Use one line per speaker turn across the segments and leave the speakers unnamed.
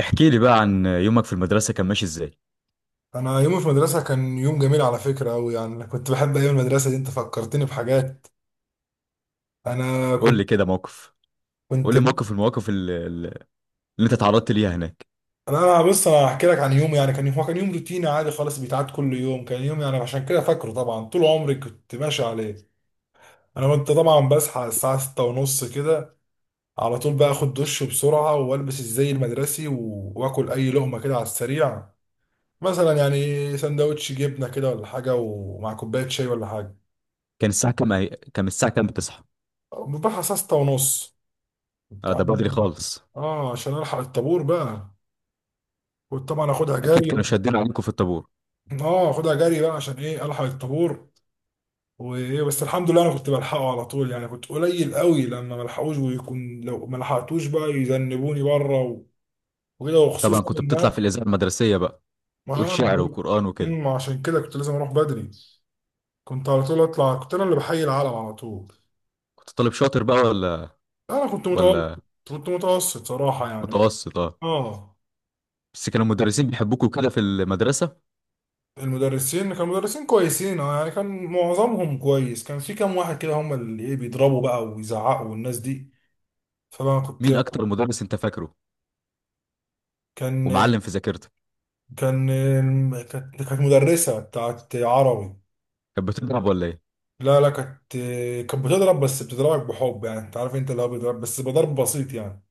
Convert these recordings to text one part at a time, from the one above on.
احكي لي بقى عن يومك في المدرسة كان ماشي ازاي؟
انا يوم في المدرسه كان يوم جميل على فكره قوي، يعني أنا كنت بحب ايام المدرسه دي. انت فكرتني بحاجات. انا
قول
كنت
لي كده موقف. قول
كنت
لي موقف المواقف اللي انت تعرضت ليها هناك.
انا بص، انا هحكي لك عن يوم. يعني كان يوم، هو كان يوم روتيني عادي خالص بيتعاد كل يوم. كان يوم يعني عشان كده فاكره. طبعا طول عمري كنت ماشي عليه. انا كنت طبعا بصحى الساعه 6:30 كده. على طول بقى اخد دش بسرعه والبس الزي المدرسي واكل اي لقمه كده على السريع. مثلا يعني سندوتش جبنه كده ولا حاجه، ومع كوبايه شاي ولا حاجه.
كان الساعة كام؟ كان الساعة كام بتصحى؟
بروح الساعه 6 ونص.
اه، ده بدري خالص.
اه عشان الحق الطابور بقى. كنت طبعا اخدها
اكيد
جري.
كانوا شادين عليكم في الطابور.
اه اخدها جري بقى عشان ايه الحق الطابور. وايه بس الحمد لله انا كنت بلحقه على طول، يعني كنت قليل قوي لما ملحقوش، ويكون لو ما لحقتوش بقى يذنبوني بره، وكده.
طبعا
وخصوصا
كنت
ان
بتطلع في
انا،
الإذاعة المدرسية بقى،
ما
تقول
هو انا
شعر
بقول،
وقرآن وكده.
عشان كده كنت لازم اروح بدري. كنت على طول اطلع، كنت انا اللي بحيي العالم على طول.
كنت طالب شاطر بقى ولا
انا كنت متوسط.
ولا
كنت متوسط صراحة يعني.
متوسط؟ اه.
اه.
بس كانوا المدرسين بيحبوكوا كده في المدرسة.
المدرسين كانوا مدرسين كويسين اه، يعني كان معظمهم كويس. كان في كام واحد كده هم اللي ايه بيضربوا بقى ويزعقوا، والناس دي فانا كنت.
مين اكتر مدرس انت فاكره
كان
ومعلم في ذاكرتك؟
كان كانت مدرسة بتاعت عربي.
كانت بتضرب ولا ايه؟
لا لا، كانت بتضرب بس بتضربك بحب. يعني انت عارف، انت اللي هو بيضرب بس بضرب بسيط يعني،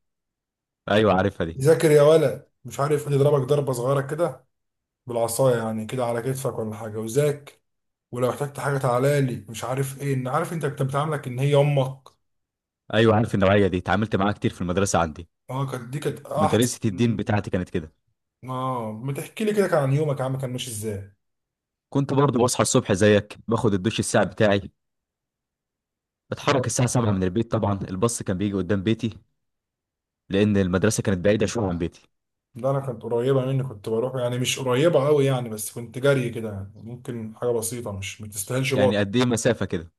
ايوه، عارفها دي.
ذاكر يا ولد مش عارف ايه، يضربك ضربة صغيرة كده بالعصاية، يعني كده على كتفك ولا حاجة. وذاك ولو احتجت حاجة تعالى لي مش عارف ايه، ان عارف انت بتعاملك ان هي امك.
ايوه، عارف النوعية دي، اتعاملت معاها كتير في المدرسة عندي.
اه كانت دي كانت
مدرسة الدين
احسن.
بتاعتي كانت كده.
اه. ما تحكي لي كده كان عن يومك يا عم، كان ماشي ازاي؟
كنت برضه بصحى الصبح زيك، باخد الدش الساعة بتاعي، بتحرك
اه.
الساعة 7 من البيت. طبعا الباص كان بيجي قدام بيتي لأن المدرسة كانت بعيدة شوية عن بيتي.
ده انا كانت قريبه مني، كنت بروح يعني مش قريبه قوي يعني، بس كنت جري كده يعني، ممكن حاجه بسيطه مش ما تستاهلش باص.
يعني قد إيه مسافة كده؟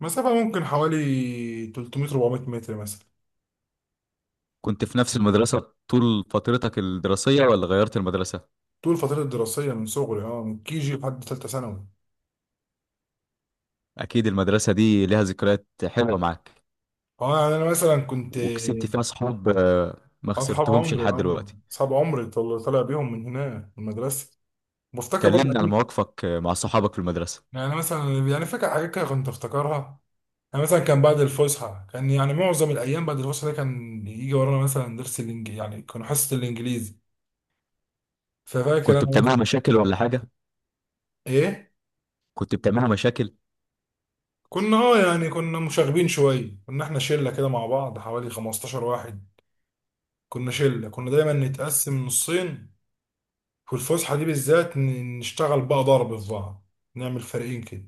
مسافه ممكن حوالي 300 400 متر مثلا.
كنت في نفس المدرسة طول فترتك الدراسية ولا غيرت المدرسة؟
طول الفتره الدراسيه من صغري، اه من كي جي لحد ثالثه ثانوي.
أكيد المدرسة دي لها ذكريات حلوة معاك،
اه يعني انا مثلا كنت
وكسبت فيها صحاب، آه، ما
اصحاب
خسرتهمش
عمري.
لحد
اه
دلوقتي.
اصحاب عمري طالع بيهم من هنا من المدرسه. بفتكر برضه
كلمني عن
أكيد.
مواقفك، آه، مع صحابك في المدرسة.
يعني مثلا يعني فاكر حاجات كده كنت افتكرها. انا مثلا كان بعد الفسحه كان يعني معظم الايام، بعد الفسحه ده كان يجي ورانا مثلا درس الانجليزي، يعني كانوا حصه الانجليزي. ففاكر
كنت
انا
بتعملوا مشاكل ولا حاجة؟
ايه.
كنت بتعملوا مشاكل؟
كنا اه يعني كنا مشاغبين شويه، كنا احنا شله كده مع بعض حوالي 15 واحد. كنا شله كنا دايما نتقسم نصين. في الفسحه دي بالذات نشتغل بقى ضرب في بعض، نعمل فريقين كده.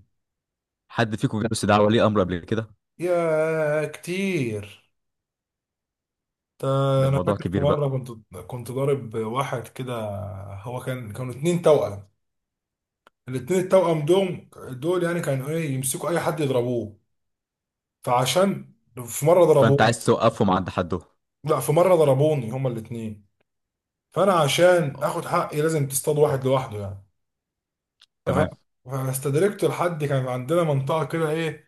حد فيكم جاله استدعاء ولي أمر قبل كده؟
يا كتير. ده
ده
انا
موضوع
فاكر في
كبير بقى.
مره كنت، كنت ضارب واحد كده. هو كان كانوا اتنين توأم. الاتنين التوأم دول يعني كانوا ايه يمسكوا اي حد يضربوه. فعشان، في مره
فانت
ضربوني.
عايز توقفهم عند حدهم.
لا، في مره ضربوني هما الاتنين. فانا عشان اخد حقي لازم تصطاد واحد لوحده يعني. ف-
تمام.
فاستدركت لحد كان عندنا منطقه كده ايه،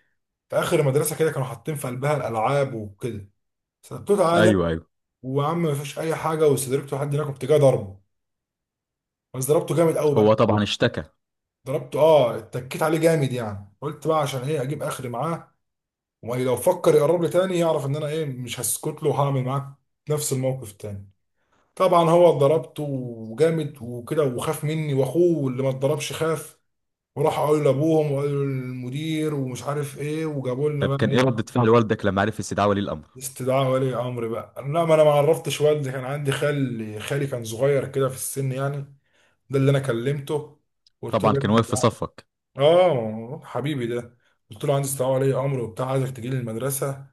في اخر المدرسه كده كانوا حاطين في قلبها الالعاب وكده. سبته تعالى،
ايوه، ايوه.
وعم مفيش اي حاجه، واستدركت لحد هناك كنت جاي ضربه. بس ضربته جامد قوي بقى.
هو طبعا اشتكى.
ضربته اه اتكيت عليه جامد، يعني قلت بقى عشان ايه اجيب اخري معاه، ولو فكر يقرب لي تاني يعرف ان انا ايه، مش هسكت له وهعمل معاك نفس الموقف تاني. طبعا هو اتضربت وجامد وكده وخاف مني، واخوه اللي ما اتضربش خاف وراح قالوا لابوهم وقالوا للمدير ومش عارف ايه، وجابوا لنا
طب
بقى
كان
ايه.
ايه ردة فعل والدك لما عرف استدعاء ولي الامر؟
استدعاء ولي امر بقى. لا، ما انا ما عرفتش والدي. كان عندي خال، خالي كان صغير كده في السن يعني، ده اللي انا كلمته قلت
طبعا
له.
كان واقف في صفك.
اه حبيبي ده. قلت له عندي استدعاء ولي امر وبتاع، عايزك تجي لي المدرسه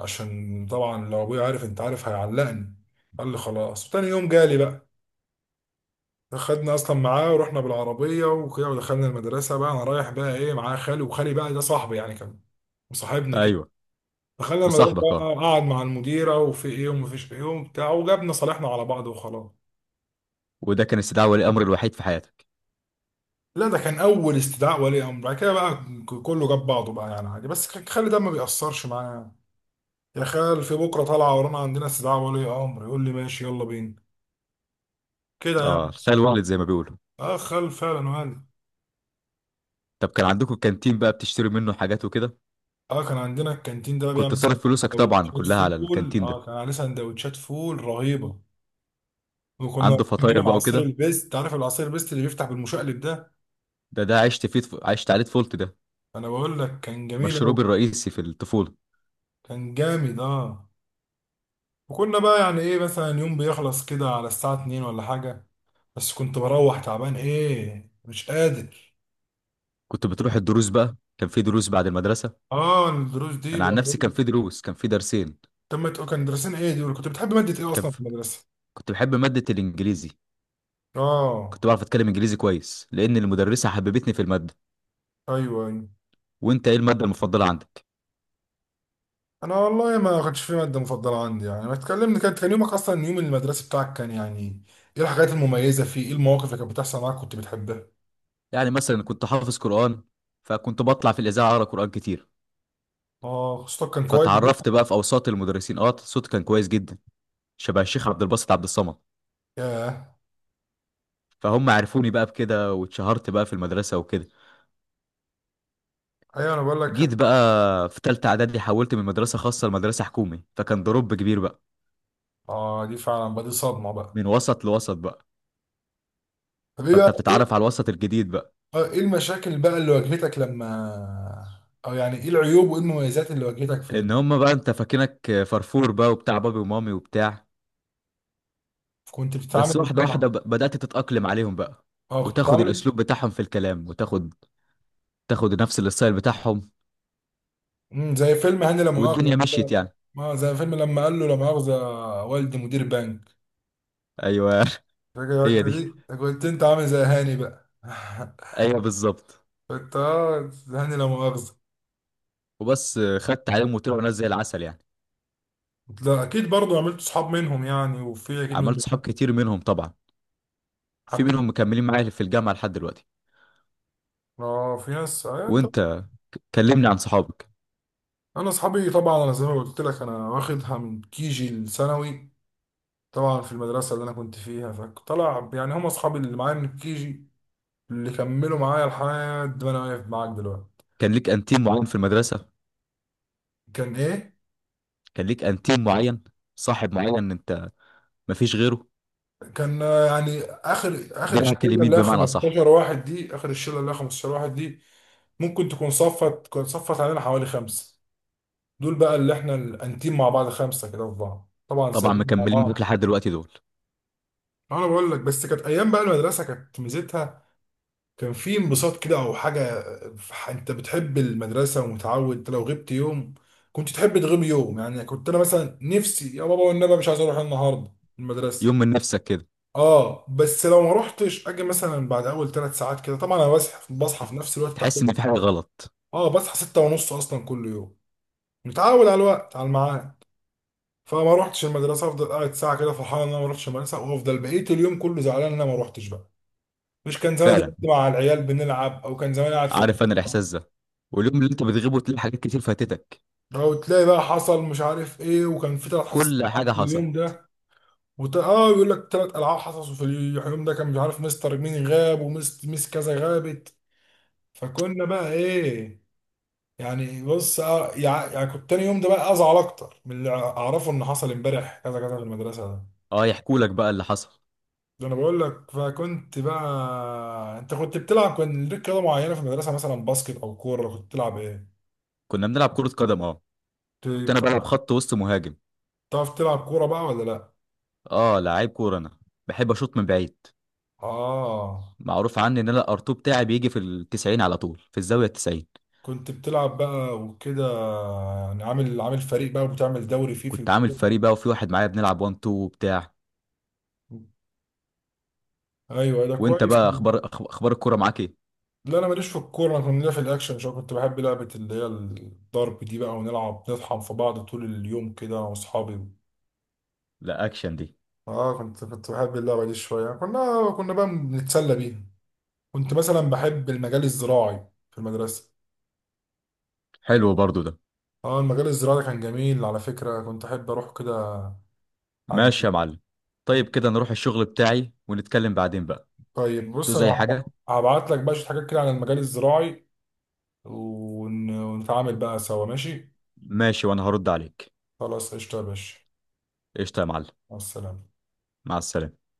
عشان طبعا لو ابويا عارف انت عارف هيعلقني. قال لي خلاص، وتاني يوم جالي بقى. خدنا اصلا معاه ورحنا بالعربيه وكده، ودخلنا المدرسه بقى. انا رايح بقى ايه معاه خالي، وخالي بقى ده صاحبي يعني كان مصاحبنا كده.
ايوه.
دخلنا المدرسه
مصاحبك،
بقى،
اه.
قعد مع المديره وفي ايه ومفيش ايه وبتاع، وجابنا صالحنا على بعض وخلاص.
وده كان استدعاء ولي الامر الوحيد في حياتك؟
لا، ده كان اول استدعاء ولي امر. بعد كده بقى كله جاب بعضه بقى يعني عادي. بس خالي ده ما بيأثرش معايا. يا خال في بكره طالعه ورانا عندنا استدعاء ولي امر، يقول لي ماشي يلا بينا كده
اه،
يعني.
الخال والد زي ما بيقولوا.
اه خال فعلا وهل.
طب كان عندكم الكانتين بقى، بتشتري منه حاجات وكده.
اه كان عندنا الكانتين ده
كنت
بيعمل
صارف فلوسك طبعا
سندوتشات
كلها على
فول،
الكانتين ده.
اه كان عليه سندوتشات فول رهيبه. وكنا
عنده فطاير
بنجيب
بقى
عصير
وكده.
البيست، انت عارف العصير البيست اللي بيفتح بالمشقلب ده.
ده عشت فيه عشت عليه طفولتي ده.
انا بقول لك كان جميل قوي.
مشروبي الرئيسي في الطفولة.
كان جامد اه. وكنا بقى يعني ايه مثلا يوم بيخلص كده على الساعه 2 ولا حاجه. بس كنت بروح تعبان ايه مش قادر.
كنت بتروح الدروس بقى؟ كان في دروس بعد المدرسة.
اه الدروس دي
انا عن
بقى.
نفسي كان في دروس، كان في درسين.
طب ما تقول كان مدرسين ايه دول، كنت بتحب مادة ايه
كان
اصلا في المدرسة؟
كنت بحب مادة الإنجليزي.
اه.
كنت بعرف أتكلم إنجليزي كويس لأن المدرسة حببتني في المادة.
ايوه ايوه.
وأنت إيه المادة المفضلة عندك؟
انا والله ما كانش في مادة مفضلة عندي يعني. ما تكلمني كانت كان يومك اصلا يوم المدرسة بتاعك كان يعني ايه الحاجات المميزة فيه، ايه المواقف اللي كانت بتحصل معاك كنت بتحبها.
يعني مثلا كنت حافظ قرآن، فكنت بطلع في الإذاعة أقرأ قرآن كتير.
اه خصوصا كان كويس بقى.
فتعرفت بقى في أوساط المدرسين، أه، صوتي كان كويس جدا، شبه الشيخ عبد الباسط عبد الصمد.
ياه.
فهم عرفوني بقى بكده، واتشهرت بقى في المدرسة وكده.
ايوه انا بقول
جيت
لك.
بقى في تالتة إعدادي حولت من مدرسة خاصة لمدرسة حكومي، فكان ضرب كبير بقى.
اه دي فعلا بقى دي صدمة بقى.
من وسط لوسط بقى.
طب ايه بقى
فأنت بتتعرف
ايه.
على الوسط الجديد بقى.
آه، ايه المشاكل بقى اللي واجهتك لما، او يعني ايه العيوب وايه المميزات اللي واجهتك في ال...
ان هما بقى انت فاكرك فرفور بقى وبتاع، بابي ومامي وبتاع.
كنت بتتعامل
بس واحدة
ازاي مع.
واحدة بدأت تتأقلم عليهم بقى،
اه كنت
وتاخد
بتتعامل.
الأسلوب بتاعهم في الكلام، وتاخد نفس الستايل بتاعهم،
زي فيلم هاني لا مؤاخذة
والدنيا مشيت
كده.
يعني.
ما زي فيلم لما قال له لا مؤاخذة، والدي مدير بنك.
أيوه.
فاكر
هي
الحتة
دي،
دي؟ ده كنت انت عامل زي هاني بقى.
أيوه بالظبط.
كنت اه زي هاني لا مؤاخذة.
وبس خدت عليهم، وطلعوا ناس زي العسل يعني.
لا اكيد برضو عملت صحاب منهم يعني، وفي اكيد من،
عملت صحاب كتير منهم طبعا. في
حبيت.
منهم مكملين معايا في الجامعة لحد دلوقتي.
اه في ناس. آه انت.
وأنت، كلمني عن صحابك.
انا اصحابي طبعا انا زي ما قلت لك انا واخدها من كيجي الثانوي. طبعا في المدرسة اللي انا كنت فيها فطلع يعني هم اصحابي اللي معايا من الكيجي، اللي كملوا معايا لحد ما انا واقف معاك دلوقتي.
كان ليك أنتيم معين في المدرسة؟
كان ايه؟
كان ليك أنتيم معين، صاحب معين أنت، مفيش غيره،
كان آه، يعني اخر اخر
دراعك
الشله
اليمين
اللي هي
بمعنى أصح.
15 واحد دي، اخر الشله اللي هي 15 واحد دي ممكن تكون صفت، كانت صفت علينا حوالي خمسه. دول بقى اللي احنا الانتيم مع بعض خمسه كده في بعض. طبعا
طبعا
سافرنا مع
مكملين معاك
بعض.
لحد دلوقتي دول.
انا بقول لك بس كانت ايام بقى المدرسه كانت ميزتها. كان في انبساط كده او حاجه. انت بتحب المدرسه ومتعود، انت لو غبت يوم كنت تحب تغيب يوم يعني. كنت انا مثلا نفسي يا بابا والنبي مش عايز اروح النهارده المدرسه.
يوم من نفسك كده؟
اه بس لو ما روحتش اجي مثلا بعد اول 3 ساعات كده. طبعا انا بصحى في نفس الوقت بتاع
تحس
كل
ان في
يوم.
حاجه غلط.
اه بصحى 6:30 اصلا كل يوم، متعود على الوقت على الميعاد. فما روحتش المدرسه افضل قاعد ساعه كده فرحان ان انا ما روحتش المدرسه، وافضل بقيت اليوم كله زعلان ان انا ما روحتش بقى. مش كان زمان
فعلا،
دلوقتي مع العيال بنلعب، او كان زمان قاعد في ال-.
عارف انا الاحساس ده. واليوم اللي انت بتغيبه تلاقي حاجات كتير فاتتك.
او تلاقي بقى حصل مش عارف ايه، وكان في ثلاث حصص
كل
العاب
حاجه
في
حصل.
اليوم ده. وت... اه يقول لك ثلاث العاب حصصوا في اليوم ده، كان مش عارف مستر مين غاب ومس كذا غابت. فكنا بقى ايه. يعني بص آه، يعني كنت تاني يوم ده بقى ازعل اكتر من اللي اعرفه ان حصل امبارح كذا كذا في المدرسه ده.
اه، يحكوا لك بقى اللي حصل.
ده انا بقول لك فكنت بقى. انت كنت بتلعب كان ليك رياضه معينه في المدرسه مثلا باسكت او كوره كنت بتلعب ايه؟
كنا بنلعب كره قدم، اه.
كنت.
كنت انا بلعب
بتعرف
خط وسط مهاجم.
بتعرف تلعب كوره بقى ولا لا؟
اه، لعيب كوره انا. بحب اشوط من بعيد.
اه
معروف عني ان انا الارتو بتاعي بيجي في التسعين على طول، في الزاويه التسعين.
كنت بتلعب بقى وكده. يعني عامل فريق بقى وبتعمل دوري فيه في
كنت عامل
الكورة.
فريق بقى وفي واحد معايا بنلعب 1 2 وبتاع.
ايوه ده
وانت
كويس.
بقى اخبار اخبار الكوره معاك ايه؟
لا انا ماليش في الكوره، انا كنت ليا في الاكشن شويه. كنت بحب لعبه اللي هي الضرب دي بقى، ونلعب نطحن في بعض طول اليوم كده انا واصحابي.
لا، اكشن دي.
اه كنت بحب اللعبه دي شويه، كنا بقى بنتسلى بيها. كنت مثلا بحب المجال الزراعي في المدرسه.
حلو برضو ده.
اه المجال الزراعي ده كان جميل على فكره كنت احب اروح كده. عند.
ماشي يا معلم. طيب كده نروح الشغل بتاعي ونتكلم بعدين بقى.
طيب
تو
بص
زي
انا
حاجة.
هبعت لك بقى شويه حاجات كده عن المجال الزراعي، ونتعامل بقى سوا ماشي.
ماشي، وانا هرد عليك.
خلاص قشطه يا باشا.
قشطة يا معلم.
مع السلامه.
مع السلامة.